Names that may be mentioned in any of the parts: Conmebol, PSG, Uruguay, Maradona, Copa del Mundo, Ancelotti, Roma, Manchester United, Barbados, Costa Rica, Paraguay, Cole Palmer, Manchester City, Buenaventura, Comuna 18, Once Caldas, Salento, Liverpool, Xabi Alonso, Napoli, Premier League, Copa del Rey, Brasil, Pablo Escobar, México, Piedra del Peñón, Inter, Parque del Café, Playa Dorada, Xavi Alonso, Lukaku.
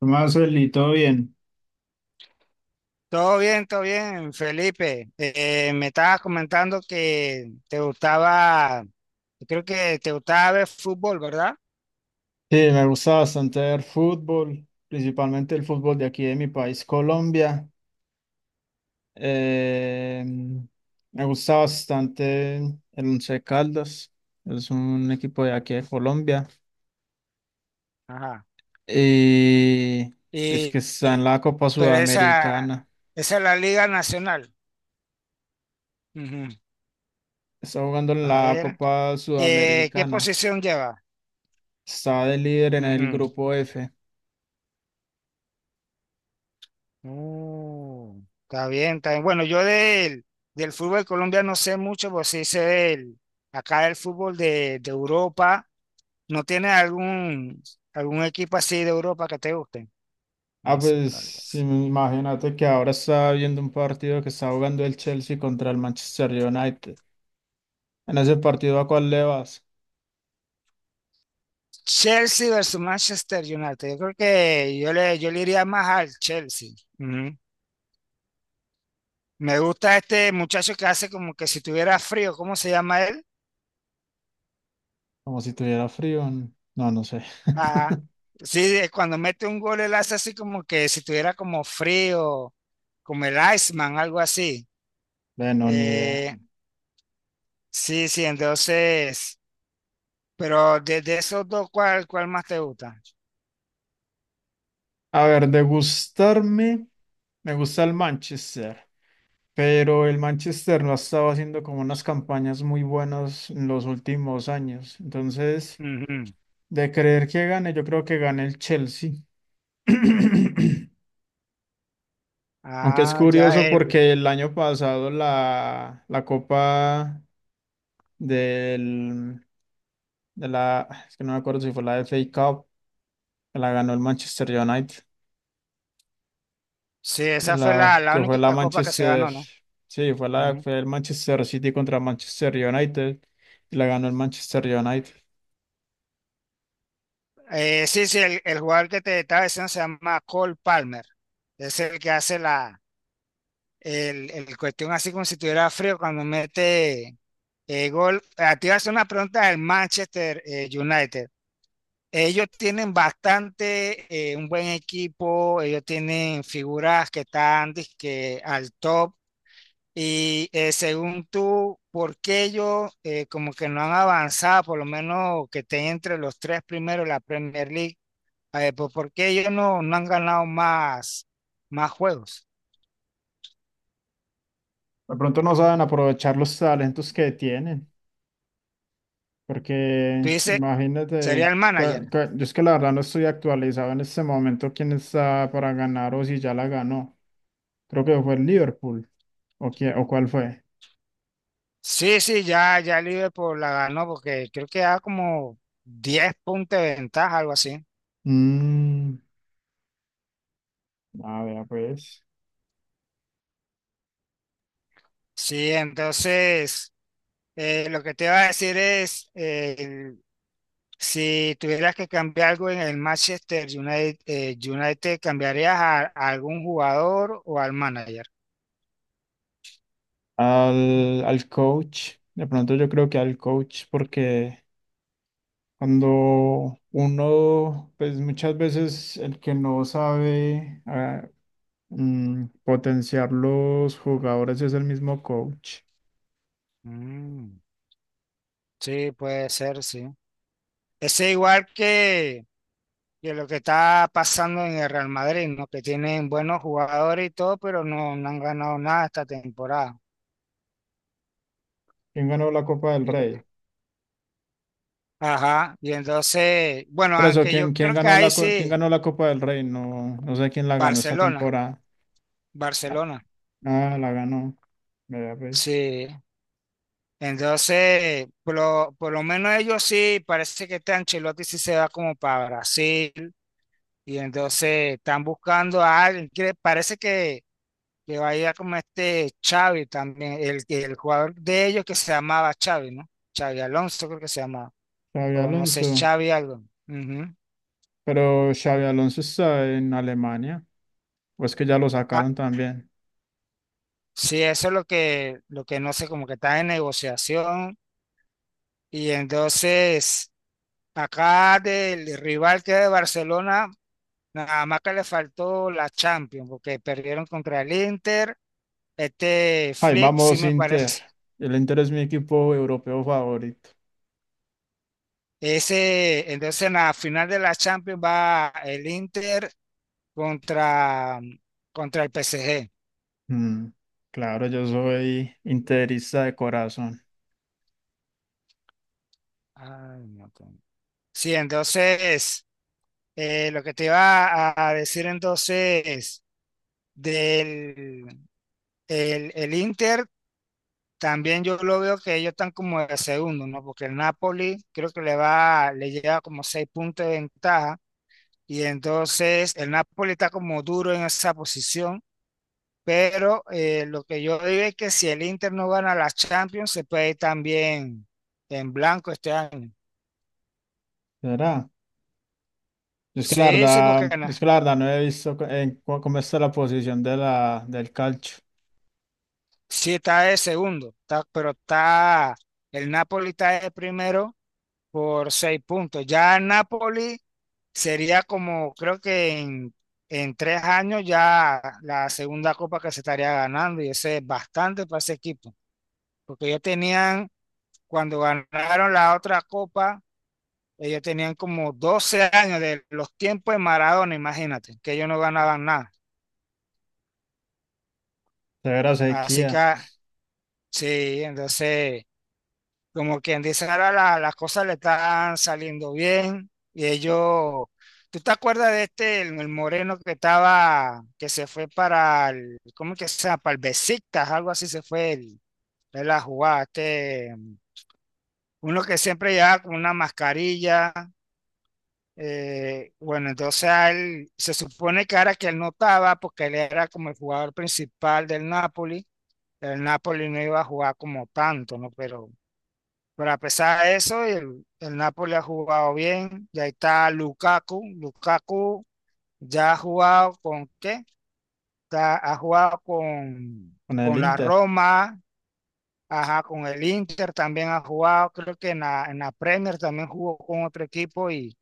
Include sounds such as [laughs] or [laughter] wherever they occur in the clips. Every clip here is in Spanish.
Marcel, y todo bien. Todo bien, Felipe. Me estabas comentando que te gustaba, yo creo que te gustaba ver fútbol, ¿verdad? Sí, me gusta bastante ver fútbol, principalmente el fútbol de aquí de mi país, Colombia. Eh, Me gusta bastante el Once Caldas, es un equipo de aquí de Colombia. Ajá. Y es que Y, está y- en la Copa pero Sudamericana, esa es la Liga Nacional. Ujú. está jugando en A la ver, Copa ¿qué Sudamericana, posición lleva? está de líder en el Ujú. grupo F. Está bien, está bien. Bueno, del fútbol colombiano no sé mucho, pues sí sé del, acá del fútbol de Europa. ¿No tienes algún equipo así de Europa que te guste? No Ah, sé pues cuál sí, es. imagínate que ahora estaba viendo un partido que está jugando el Chelsea contra el Manchester United. En ese partido, ¿a cuál le vas? Chelsea versus Manchester United. Yo creo que yo le iría más al Chelsea. Ujú. Me gusta este muchacho que hace como que si tuviera frío. ¿Cómo se llama él? Como si tuviera frío. No, no sé. Ajá. [laughs] Sí, cuando mete un gol, él hace así como que si tuviera como frío, como el Iceman, algo así. Bueno, ni idea. Eh, sí, sí, entonces, pero de esos dos, ¿cuál más te gusta? A ver, de gustarme, me gusta el Manchester, pero el Manchester no ha estado haciendo como unas campañas muy buenas en los últimos años. Entonces, de creer que gane, yo creo que gane el Chelsea. [clears throat] Aunque es Ah, ya curioso él. porque el año pasado la Copa del, es que no me acuerdo si fue la FA Cup, que la ganó el Manchester United, Sí, y esa fue la, la que fue la única copa que se Manchester, ganó, ¿no? sí, fue la, Ujú. fue el Manchester City contra Manchester United, y la ganó el Manchester United. El jugador que te estaba diciendo se llama Cole Palmer. Es el que hace la el cuestión así como si tuviera frío cuando mete gol. A ti hace una pregunta del Manchester United. Ellos tienen bastante, un buen equipo, ellos tienen figuras que están dizque, al top. Y según tú, ¿por qué ellos como que no han avanzado, por lo menos que estén entre los tres primeros de la Premier League? Pues, ¿por qué ellos no han ganado más juegos? De pronto no saben aprovechar los talentos que tienen, Tú porque dices, sería imagínate, el manager. Yo es que la verdad no estoy actualizado en este momento quién está para ganar o si ya la ganó. Creo que fue el Liverpool. ¿O, o cuál fue? Sí, sí, ya Liverpool la ganó porque creo que da como 10 puntos de ventaja, algo así. Mm, a ver, pues. Sí, entonces, lo que te iba a decir es si tuvieras que cambiar algo en el Manchester United, United, ¿cambiarías a algún jugador o al manager? Al coach. De pronto yo creo que al coach, porque cuando uno, pues muchas veces el que no sabe potenciar los jugadores es el mismo coach. Mm, sí, puede ser, sí. Es igual que lo que está pasando en el Real Madrid, ¿no? Que tienen buenos jugadores y todo, pero no han ganado nada esta temporada. ¿Quién ganó la Copa del Y- Rey? ajá, y entonces, bueno, Por eso, aunque yo creo que ahí quién sí, ganó la Copa del Rey? No, no sé quién la ganó esta Barcelona, temporada. Barcelona, Ah, la ganó. Vea, pues. sí. Entonces, por lo menos ellos sí, parece que este Ancelotti sí se va como para Brasil y entonces están buscando a alguien, que parece que va a ir como este Xavi también, el jugador de ellos que se llamaba Xavi, ¿no? Xavi Alonso creo que se llamaba, Xabi o no sé, Alonso. Xavi algo. Ujú. Pero Xavi Alonso está en Alemania. ¿O es que ya lo Ah, sacaron también? sí, eso es lo lo que no sé, como que está en negociación y entonces... Acá del rival que es de Barcelona, nada más que le faltó la Champions, porque perdieron contra el Inter. Este Ay, Flick, sí vamos me Inter. parece. El Inter es mi equipo europeo favorito. Ese, entonces en la final de la Champions va el Inter contra, contra el PSG. Mm, claro, yo soy interista de corazón. Ay, no, con- Sí, entonces lo que te iba a decir entonces del el Inter, también yo lo veo que ellos están como de segundo, ¿no? Porque el Napoli creo que le va, le lleva como seis puntos de ventaja. Y entonces el Napoli está como duro en esa posición, pero lo que yo digo es que si el Inter no gana la Champions, se puede ir también en blanco este año. ¿Será? Yo es que la Sí, sí, verdad, porque yo es que la verdad no he visto cómo está la posición del calcio. sí está de segundo, está- pero está el Napoli está de primero por seis puntos. Ya el Napoli sería como, creo que en tres años ya la segunda copa que se estaría ganando y ese es bastante para ese equipo, porque ellos tenían cuando ganaron la otra copa, ellos tenían como 12 años de los tiempos de Maradona, imagínate, que ellos no ganaban nada. Severa Así que sequía sí, entonces, como quien dice, ahora las cosas le están saliendo bien y ellos... ¿Tú te acuerdas de este, el moreno que estaba, que se fue para el, ¿cómo que se llama? Para el Besiktas, algo así se fue él a jugar, este, uno que siempre llevaba con una mascarilla. Bueno, entonces a él, se supone que ahora que él notaba, porque él era como el jugador principal del Napoli, el Napoli no iba a jugar como tanto, ¿no? Pero a pesar de eso, el Napoli ha jugado bien, y ahí está Lukaku, Lukaku ya ha jugado con, ¿qué? Ya ha jugado con el con la Inter. Roma, ajá, con el Inter también ha jugado, creo que en en la Premier también jugó con otro equipo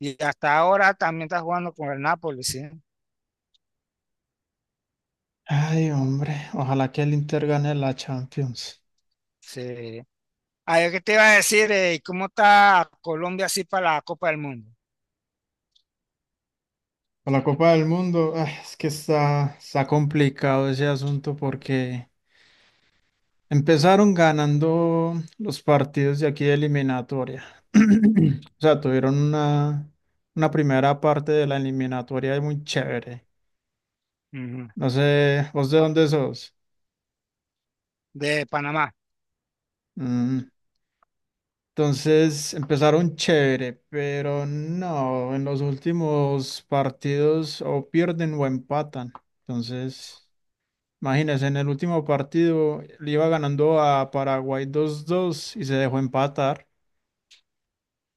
y hasta ahora también está jugando con el Napoli, sí. Ay, hombre, ojalá que el Inter gane la Champions, Sí. Ah, yo qué te iba a decir, ¿cómo está Colombia así para la Copa del Mundo? o la Copa del Mundo. Ay, es que está complicado ese asunto porque empezaron ganando los partidos de aquí de eliminatoria. [clears throat] O sea, tuvieron una primera parte de la eliminatoria muy chévere. Ujú. No sé, ¿vos de dónde sos? De Panamá, Mm, Entonces empezaron chévere, pero no, en los últimos partidos o pierden o empatan. Entonces, imagínense, en el último partido le iba ganando a Paraguay 2-2 y se dejó empatar.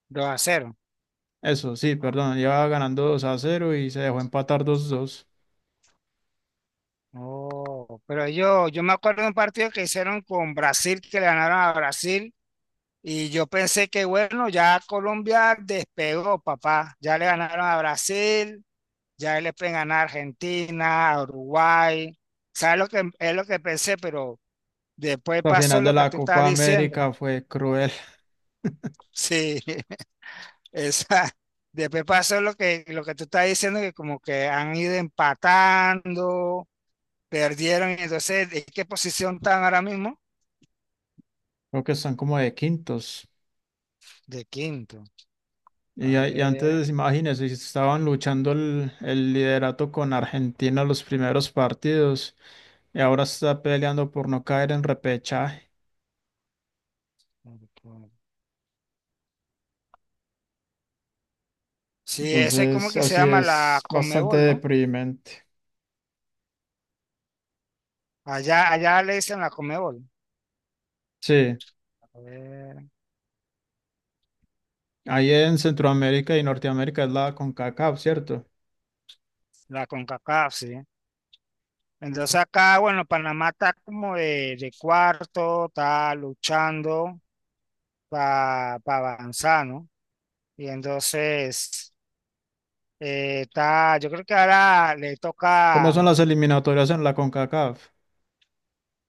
2 a cero. Eso, sí, perdón, iba ganando 2-0 y se dejó empatar 2-2. Oh, pero yo me acuerdo de un partido que hicieron con Brasil, que le ganaron a Brasil, y yo pensé que bueno, ya Colombia despegó, papá. Ya le ganaron a Brasil, ya le pueden ganar a Argentina, a Uruguay. ¿Sabes lo que es lo que pensé? Pero después La pasó final de lo que la tú estás Copa diciendo. América fue cruel. Sí, [laughs] esa. Después pasó lo lo que tú estás diciendo, que como que han ido empatando, perdieron, y entonces, ¿en qué posición están ahora mismo? [laughs] Creo que están como de quintos. De quinto. A Y ver. antes, imagínense, estaban luchando el liderato con Argentina los primeros partidos y ahora está peleando por no caer en repechaje. Sí, ese como Entonces, que se así llama es la bastante Conmebol, ¿no? deprimente. Allá, allá le dicen la Conmebol. Sí, A ver, ahí en Centroamérica y Norteamérica es la CONCACAF, ¿cierto? la CONCACAF, sí. Entonces acá, bueno, Panamá está como de cuarto, está luchando para avanzar, ¿no? Y entonces... yo creo que ahora le ¿Cómo toca son las eliminatorias en la CONCACAF?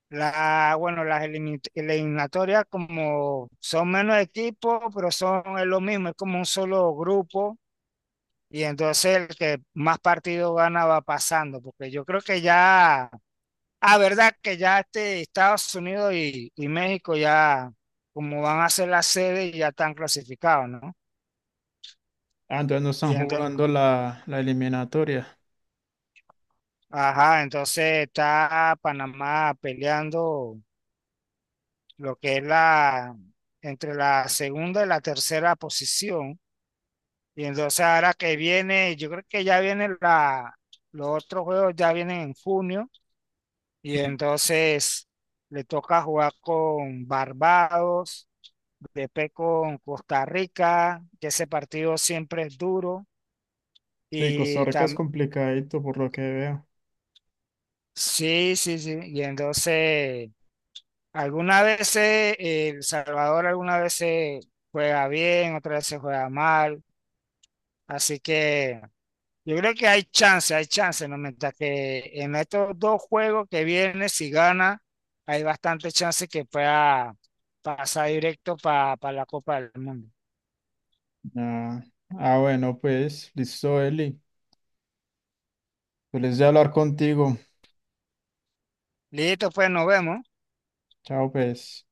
bueno, eliminatorias como son menos equipos, pero son es lo mismo, es como un solo grupo y entonces el que más partidos gana va pasando, porque yo creo que ya, ah, verdad que ya este Estados Unidos y México ya como van a ser la sede ya están clasificados, ¿no? Ah, entonces no Y están entonces, jugando la eliminatoria. ajá, entonces está Panamá peleando lo que es la, entre la segunda y la tercera posición. Y entonces ahora que viene, yo creo que ya viene la, los otros juegos ya vienen en junio y entonces le toca jugar con Barbados, después con Costa Rica, que ese partido siempre es duro. Sí, Costa Y Rica es también, complicadito por lo que veo. sí, sí, sí. Y entonces, algunas veces El Salvador, algunas veces juega bien, otras veces juega mal. Así que yo creo que hay chance, ¿no? Mientras que en estos dos juegos que vienen, si gana, hay bastante chance que pueda pasar directo para la Copa del Mundo. Ah, ah, bueno, pues, listo, Eli. Feliz de hablar contigo. Listo, pues nos vemos. Chao, pues.